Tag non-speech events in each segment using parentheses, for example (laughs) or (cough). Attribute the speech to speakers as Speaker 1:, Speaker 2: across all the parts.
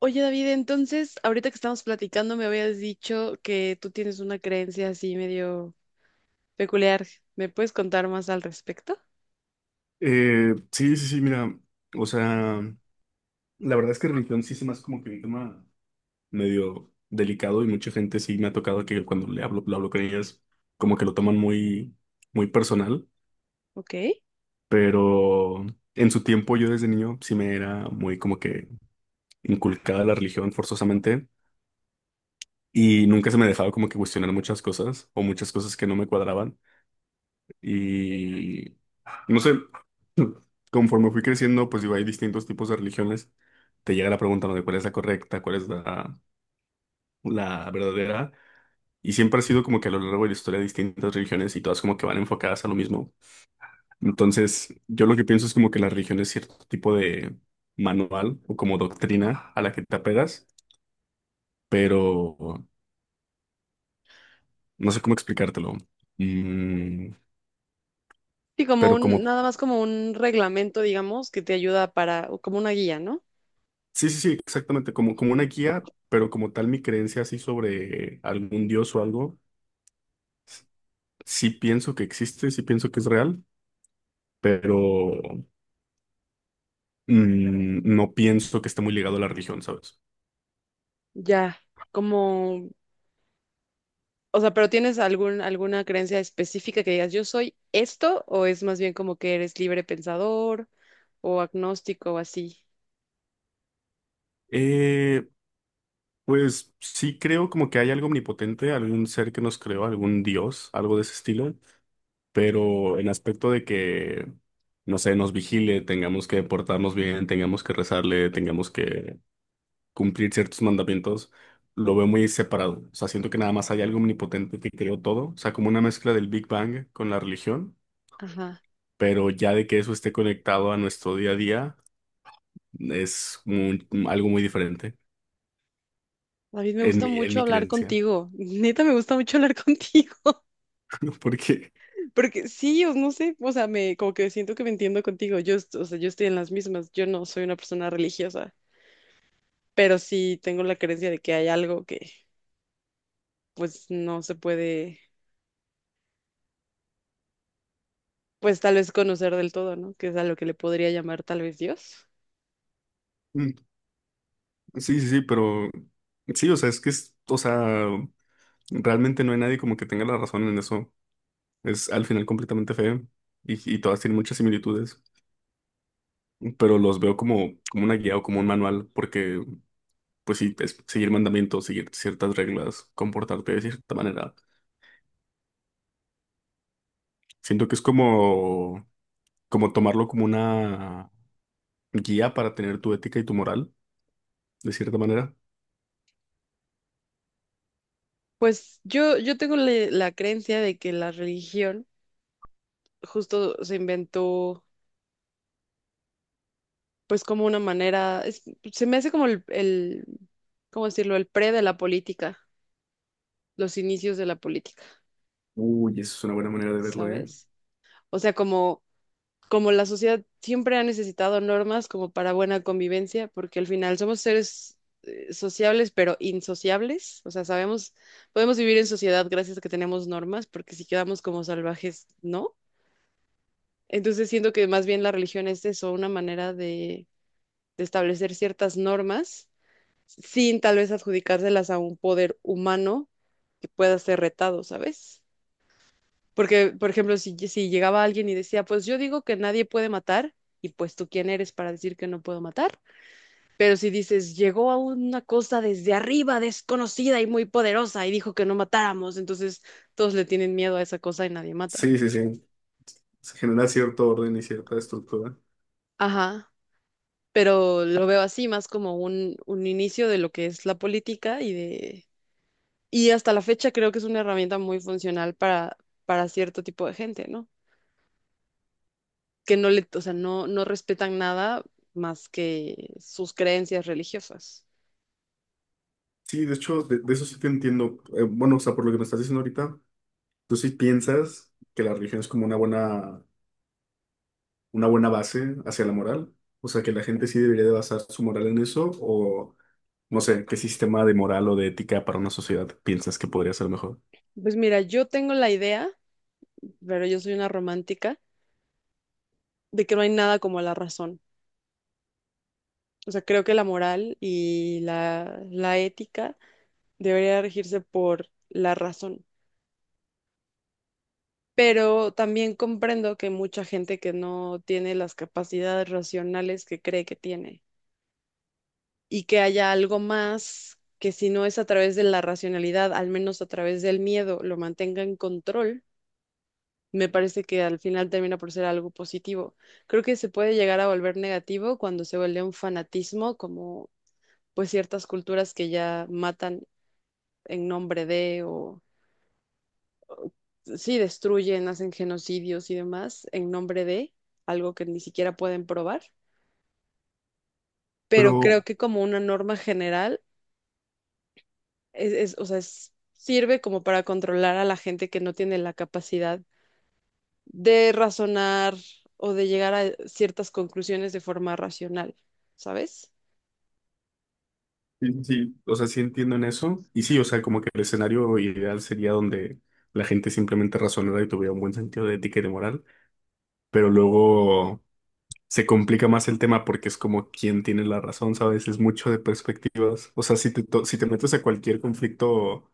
Speaker 1: Oye, David, entonces, ahorita que estamos platicando, me habías dicho que tú tienes una creencia así medio peculiar. ¿Me puedes contar más al respecto?
Speaker 2: Sí, sí, sí, mira, o sea, la verdad es que religión sí se me hace como que un tema medio delicado, y mucha gente sí me ha tocado que cuando le hablo, lo hablo con ellas, como que lo toman muy personal.
Speaker 1: Ok.
Speaker 2: Pero en su tiempo, yo desde niño sí me era muy como que inculcada la religión forzosamente, y nunca se me dejaba como que cuestionar muchas cosas o muchas cosas que no me cuadraban. No sé. (clears throat) Conforme fui creciendo, pues digo, hay distintos tipos de religiones. Te llega la pregunta, ¿no?, de cuál es la correcta, cuál es la verdadera. Y siempre ha sido como que a lo largo de la historia distintas religiones, y todas como que van enfocadas a lo mismo. Entonces, yo lo que pienso es como que la religión es cierto tipo de manual o como doctrina a la que te apegas, pero no sé cómo explicártelo. Mm,
Speaker 1: Sí, como
Speaker 2: pero como,
Speaker 1: nada más como un reglamento, digamos, que te ayuda para, o como una guía, ¿no?
Speaker 2: sí, sí, sí, exactamente, como, como una guía. Pero como tal mi creencia así sobre algún dios o algo, sí pienso que existe, sí pienso que es real, pero no pienso que esté muy ligado a la religión, ¿sabes?
Speaker 1: Ya, como, o sea, pero ¿tienes algún, alguna creencia específica que digas, yo soy esto, o es más bien como que eres libre pensador, o agnóstico, o así?
Speaker 2: Eh, pues sí creo como que hay algo omnipotente, algún ser que nos creó, algún dios, algo de ese estilo, pero en aspecto de que, no sé, nos vigile, tengamos que portarnos bien, tengamos que rezarle, tengamos que cumplir ciertos mandamientos, lo veo muy separado. O sea, siento que nada más hay algo omnipotente que creó todo, o sea, como una mezcla del Big Bang con la religión.
Speaker 1: Ajá.
Speaker 2: Pero ya de que eso esté conectado a nuestro día a día es algo muy diferente
Speaker 1: David, me
Speaker 2: en
Speaker 1: gusta
Speaker 2: mi, en
Speaker 1: mucho
Speaker 2: mi
Speaker 1: hablar
Speaker 2: creencia.
Speaker 1: contigo. (laughs) Neta, me gusta mucho hablar (laughs) contigo.
Speaker 2: (laughs) Porque,
Speaker 1: Porque sí, o no sé, o sea, me como que siento que me entiendo contigo. O sea, yo estoy en las mismas. Yo no soy una persona religiosa, pero sí tengo la creencia de que hay algo que pues no se puede, pues tal vez conocer del todo, ¿no? Que es a lo que le podría llamar tal vez Dios.
Speaker 2: mm, sí, sí, sí, pero sí, o sea, o sea, realmente no hay nadie como que tenga la razón en eso. Es al final completamente feo, y todas tienen muchas similitudes, pero los veo como, como una guía o como un manual, porque, pues sí, es seguir mandamientos, seguir ciertas reglas, comportarte de cierta manera. Siento que es como, como tomarlo como una guía para tener tu ética y tu moral, de cierta manera.
Speaker 1: Pues yo tengo la creencia de que la religión justo se inventó pues como una manera, se me hace como ¿cómo decirlo? El pre de la política, los inicios de la política,
Speaker 2: Uy, eso es una buena manera de verlo, ¿eh?
Speaker 1: ¿sabes? O sea, como como la sociedad siempre ha necesitado normas como para buena convivencia, porque al final somos seres sociables, pero insociables, o sea, sabemos, podemos vivir en sociedad gracias a que tenemos normas, porque si quedamos como salvajes, no. Entonces siento que más bien la religión es eso, una manera de establecer ciertas normas sin tal vez adjudicárselas a un poder humano que pueda ser retado, ¿sabes? Porque, por ejemplo, si llegaba alguien y decía, pues yo digo que nadie puede matar, y pues tú quién eres para decir que no puedo matar. Pero si dices, llegó a una cosa desde arriba, desconocida y muy poderosa, y dijo que no matáramos, entonces todos le tienen miedo a esa cosa y nadie mata.
Speaker 2: Sí, sí, sí. Se genera cierto orden y cierta estructura.
Speaker 1: Ajá, pero lo veo así más como un inicio de lo que es la política y de... Y hasta la fecha creo que es una herramienta muy funcional para cierto tipo de gente, ¿no? que no le, o sea, no respetan nada más que sus creencias religiosas.
Speaker 2: Sí, de hecho, de eso sí te entiendo. Bueno, o sea, por lo que me estás diciendo ahorita, tú sí piensas que la religión es como una buena base hacia la moral. O sea, que la gente sí debería de basar su moral en eso, o no sé, qué sistema de moral o de ética para una sociedad piensas que podría ser mejor.
Speaker 1: Pues mira, yo tengo la idea, pero yo soy una romántica, de que no hay nada como la razón. O sea, creo que la moral y la ética debería regirse por la razón. Pero también comprendo que mucha gente que no tiene las capacidades racionales que cree que tiene. Y que haya algo más que si no es a través de la racionalidad, al menos a través del miedo, lo mantenga en control, me parece que al final termina por ser algo positivo. Creo que se puede llegar a volver negativo cuando se vuelve un fanatismo, como pues ciertas culturas que ya matan en nombre de o sí destruyen, hacen genocidios y demás en nombre de algo que ni siquiera pueden probar. Pero
Speaker 2: Pero
Speaker 1: creo que como una norma general, o sea, sirve como para controlar a la gente que no tiene la capacidad de razonar o de llegar a ciertas conclusiones de forma racional, ¿sabes?
Speaker 2: sí, sí, sí, o sea, sí entiendo en eso. Y sí, o sea, como que el escenario ideal sería donde la gente simplemente razonara y tuviera un buen sentido de ética y de moral, pero luego se complica más el tema porque es como quién tiene la razón, ¿sabes? Es mucho de perspectivas. O sea, si te metes a cualquier conflicto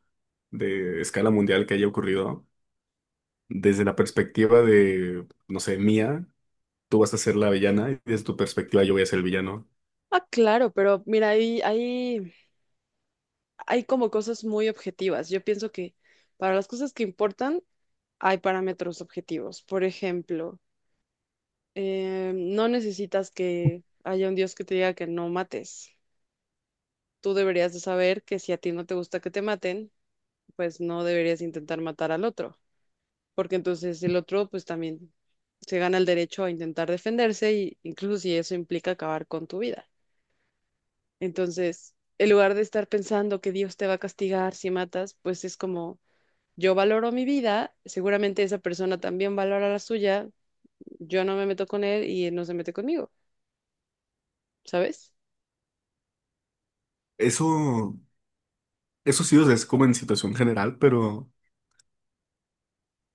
Speaker 2: de escala mundial que haya ocurrido, desde la perspectiva de, no sé, mía, tú vas a ser la villana, y desde tu perspectiva yo voy a ser el villano.
Speaker 1: Ah, claro, pero mira, hay como cosas muy objetivas. Yo pienso que para las cosas que importan hay parámetros objetivos. Por ejemplo, no necesitas que haya un Dios que te diga que no mates. Tú deberías de saber que si a ti no te gusta que te maten, pues no deberías intentar matar al otro. Porque entonces el otro pues también se gana el derecho a intentar defenderse y incluso si eso implica acabar con tu vida. Entonces, en lugar de estar pensando que Dios te va a castigar si matas, pues es como yo valoro mi vida, seguramente esa persona también valora la suya, yo no me meto con él y él no se mete conmigo, ¿sabes?
Speaker 2: Eso, eso sí, o sea, es como en situación general, pero...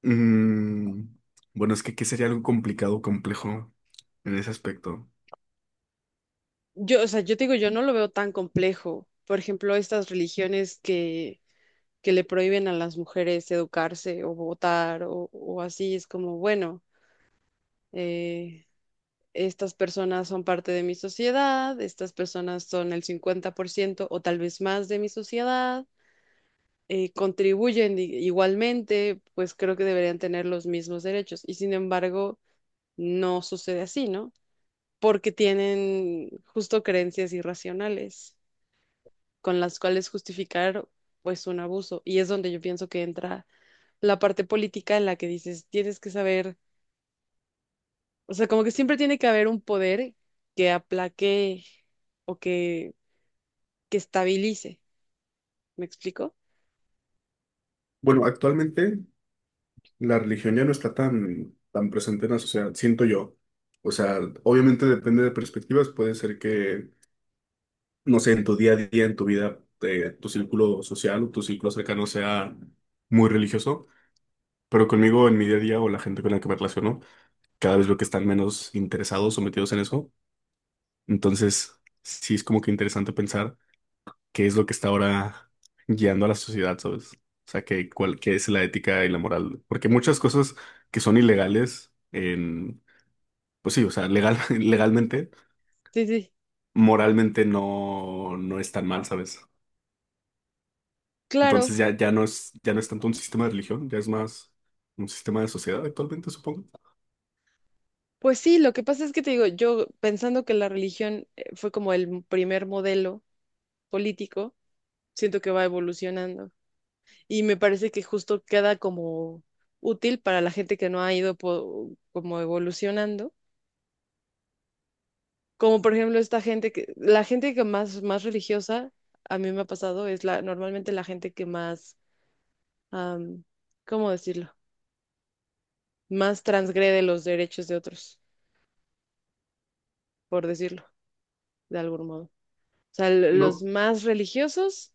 Speaker 2: Mm, bueno, es que ¿qué sería algo complicado o complejo en ese aspecto?
Speaker 1: Yo, o sea, yo te digo, yo no lo veo tan complejo. Por ejemplo, que le prohíben a las mujeres educarse o votar o así, es como, bueno, eh, estas personas son parte de mi sociedad, estas personas son el 50% o tal vez más de mi sociedad, contribuyen igualmente, pues creo que deberían tener los mismos derechos. Y sin embargo, no sucede así, ¿no? Porque tienen justo creencias irracionales con las cuales justificar pues un abuso. Y es donde yo pienso que entra la parte política en la que dices, tienes que saber, o sea, como que siempre tiene que haber un poder que aplaque o que estabilice. ¿Me explico?
Speaker 2: Bueno, actualmente la religión ya no está tan presente en la sociedad, siento yo. O sea, obviamente depende de perspectivas, puede ser que, no sé, en tu día a día, en tu vida, tu círculo social o tu círculo cercano sea muy religioso, pero conmigo en mi día a día o la gente con la que me relaciono, cada vez veo que están menos interesados o metidos en eso. Entonces, sí es como que interesante pensar qué es lo que está ahora guiando a la sociedad, ¿sabes? O sea, que, cuál, qué es la ética y la moral. Porque muchas cosas que son ilegales en, pues sí, o sea, legal, (laughs) legalmente,
Speaker 1: Sí, sí.
Speaker 2: moralmente no, no es tan mal, ¿sabes?
Speaker 1: Claro,
Speaker 2: Entonces ya, ya no es tanto un sistema de religión, ya es más un sistema de sociedad actualmente, supongo.
Speaker 1: pues sí, lo que pasa es que te digo, yo pensando que la religión fue como el primer modelo político, siento que va evolucionando y me parece que justo queda como útil para la gente que no ha ido como evolucionando, como por ejemplo la gente que más religiosa, a mí me ha pasado, es la, normalmente la gente que am, ¿cómo decirlo? Más transgrede los derechos de otros, por decirlo. De algún modo. O sea, los
Speaker 2: No.
Speaker 1: más religiosos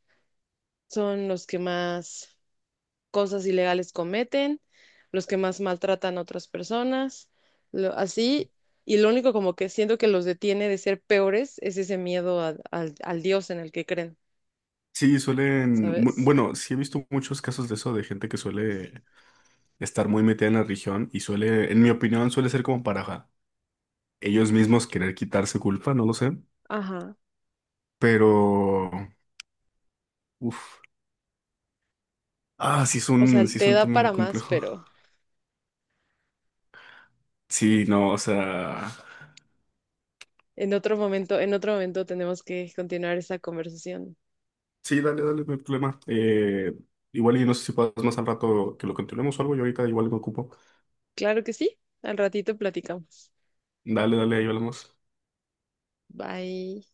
Speaker 1: son los que más cosas ilegales cometen, los que más maltratan a otras personas, así. Y lo único como que siento que los detiene de ser peores es ese miedo al Dios en el que creen,
Speaker 2: Sí, suelen,
Speaker 1: ¿sabes?
Speaker 2: bueno, sí he visto muchos casos de eso, de gente que suele estar muy metida en la religión y suele, en mi opinión, suele ser como para ellos mismos querer quitarse culpa, no lo sé,
Speaker 1: Ajá.
Speaker 2: pero uff, ah,
Speaker 1: O sea,
Speaker 2: sí es
Speaker 1: te
Speaker 2: un
Speaker 1: da
Speaker 2: tema muy
Speaker 1: para más,
Speaker 2: complejo.
Speaker 1: pero
Speaker 2: Sí, no, o sea,
Speaker 1: en otro momento tenemos que continuar esta conversación.
Speaker 2: sí, dale, dale, no hay problema. Igual y no sé si puedas más al rato que lo continuemos o algo, yo ahorita igual me ocupo.
Speaker 1: Claro que sí. Al ratito platicamos.
Speaker 2: Dale, dale, ahí hablamos.
Speaker 1: Bye.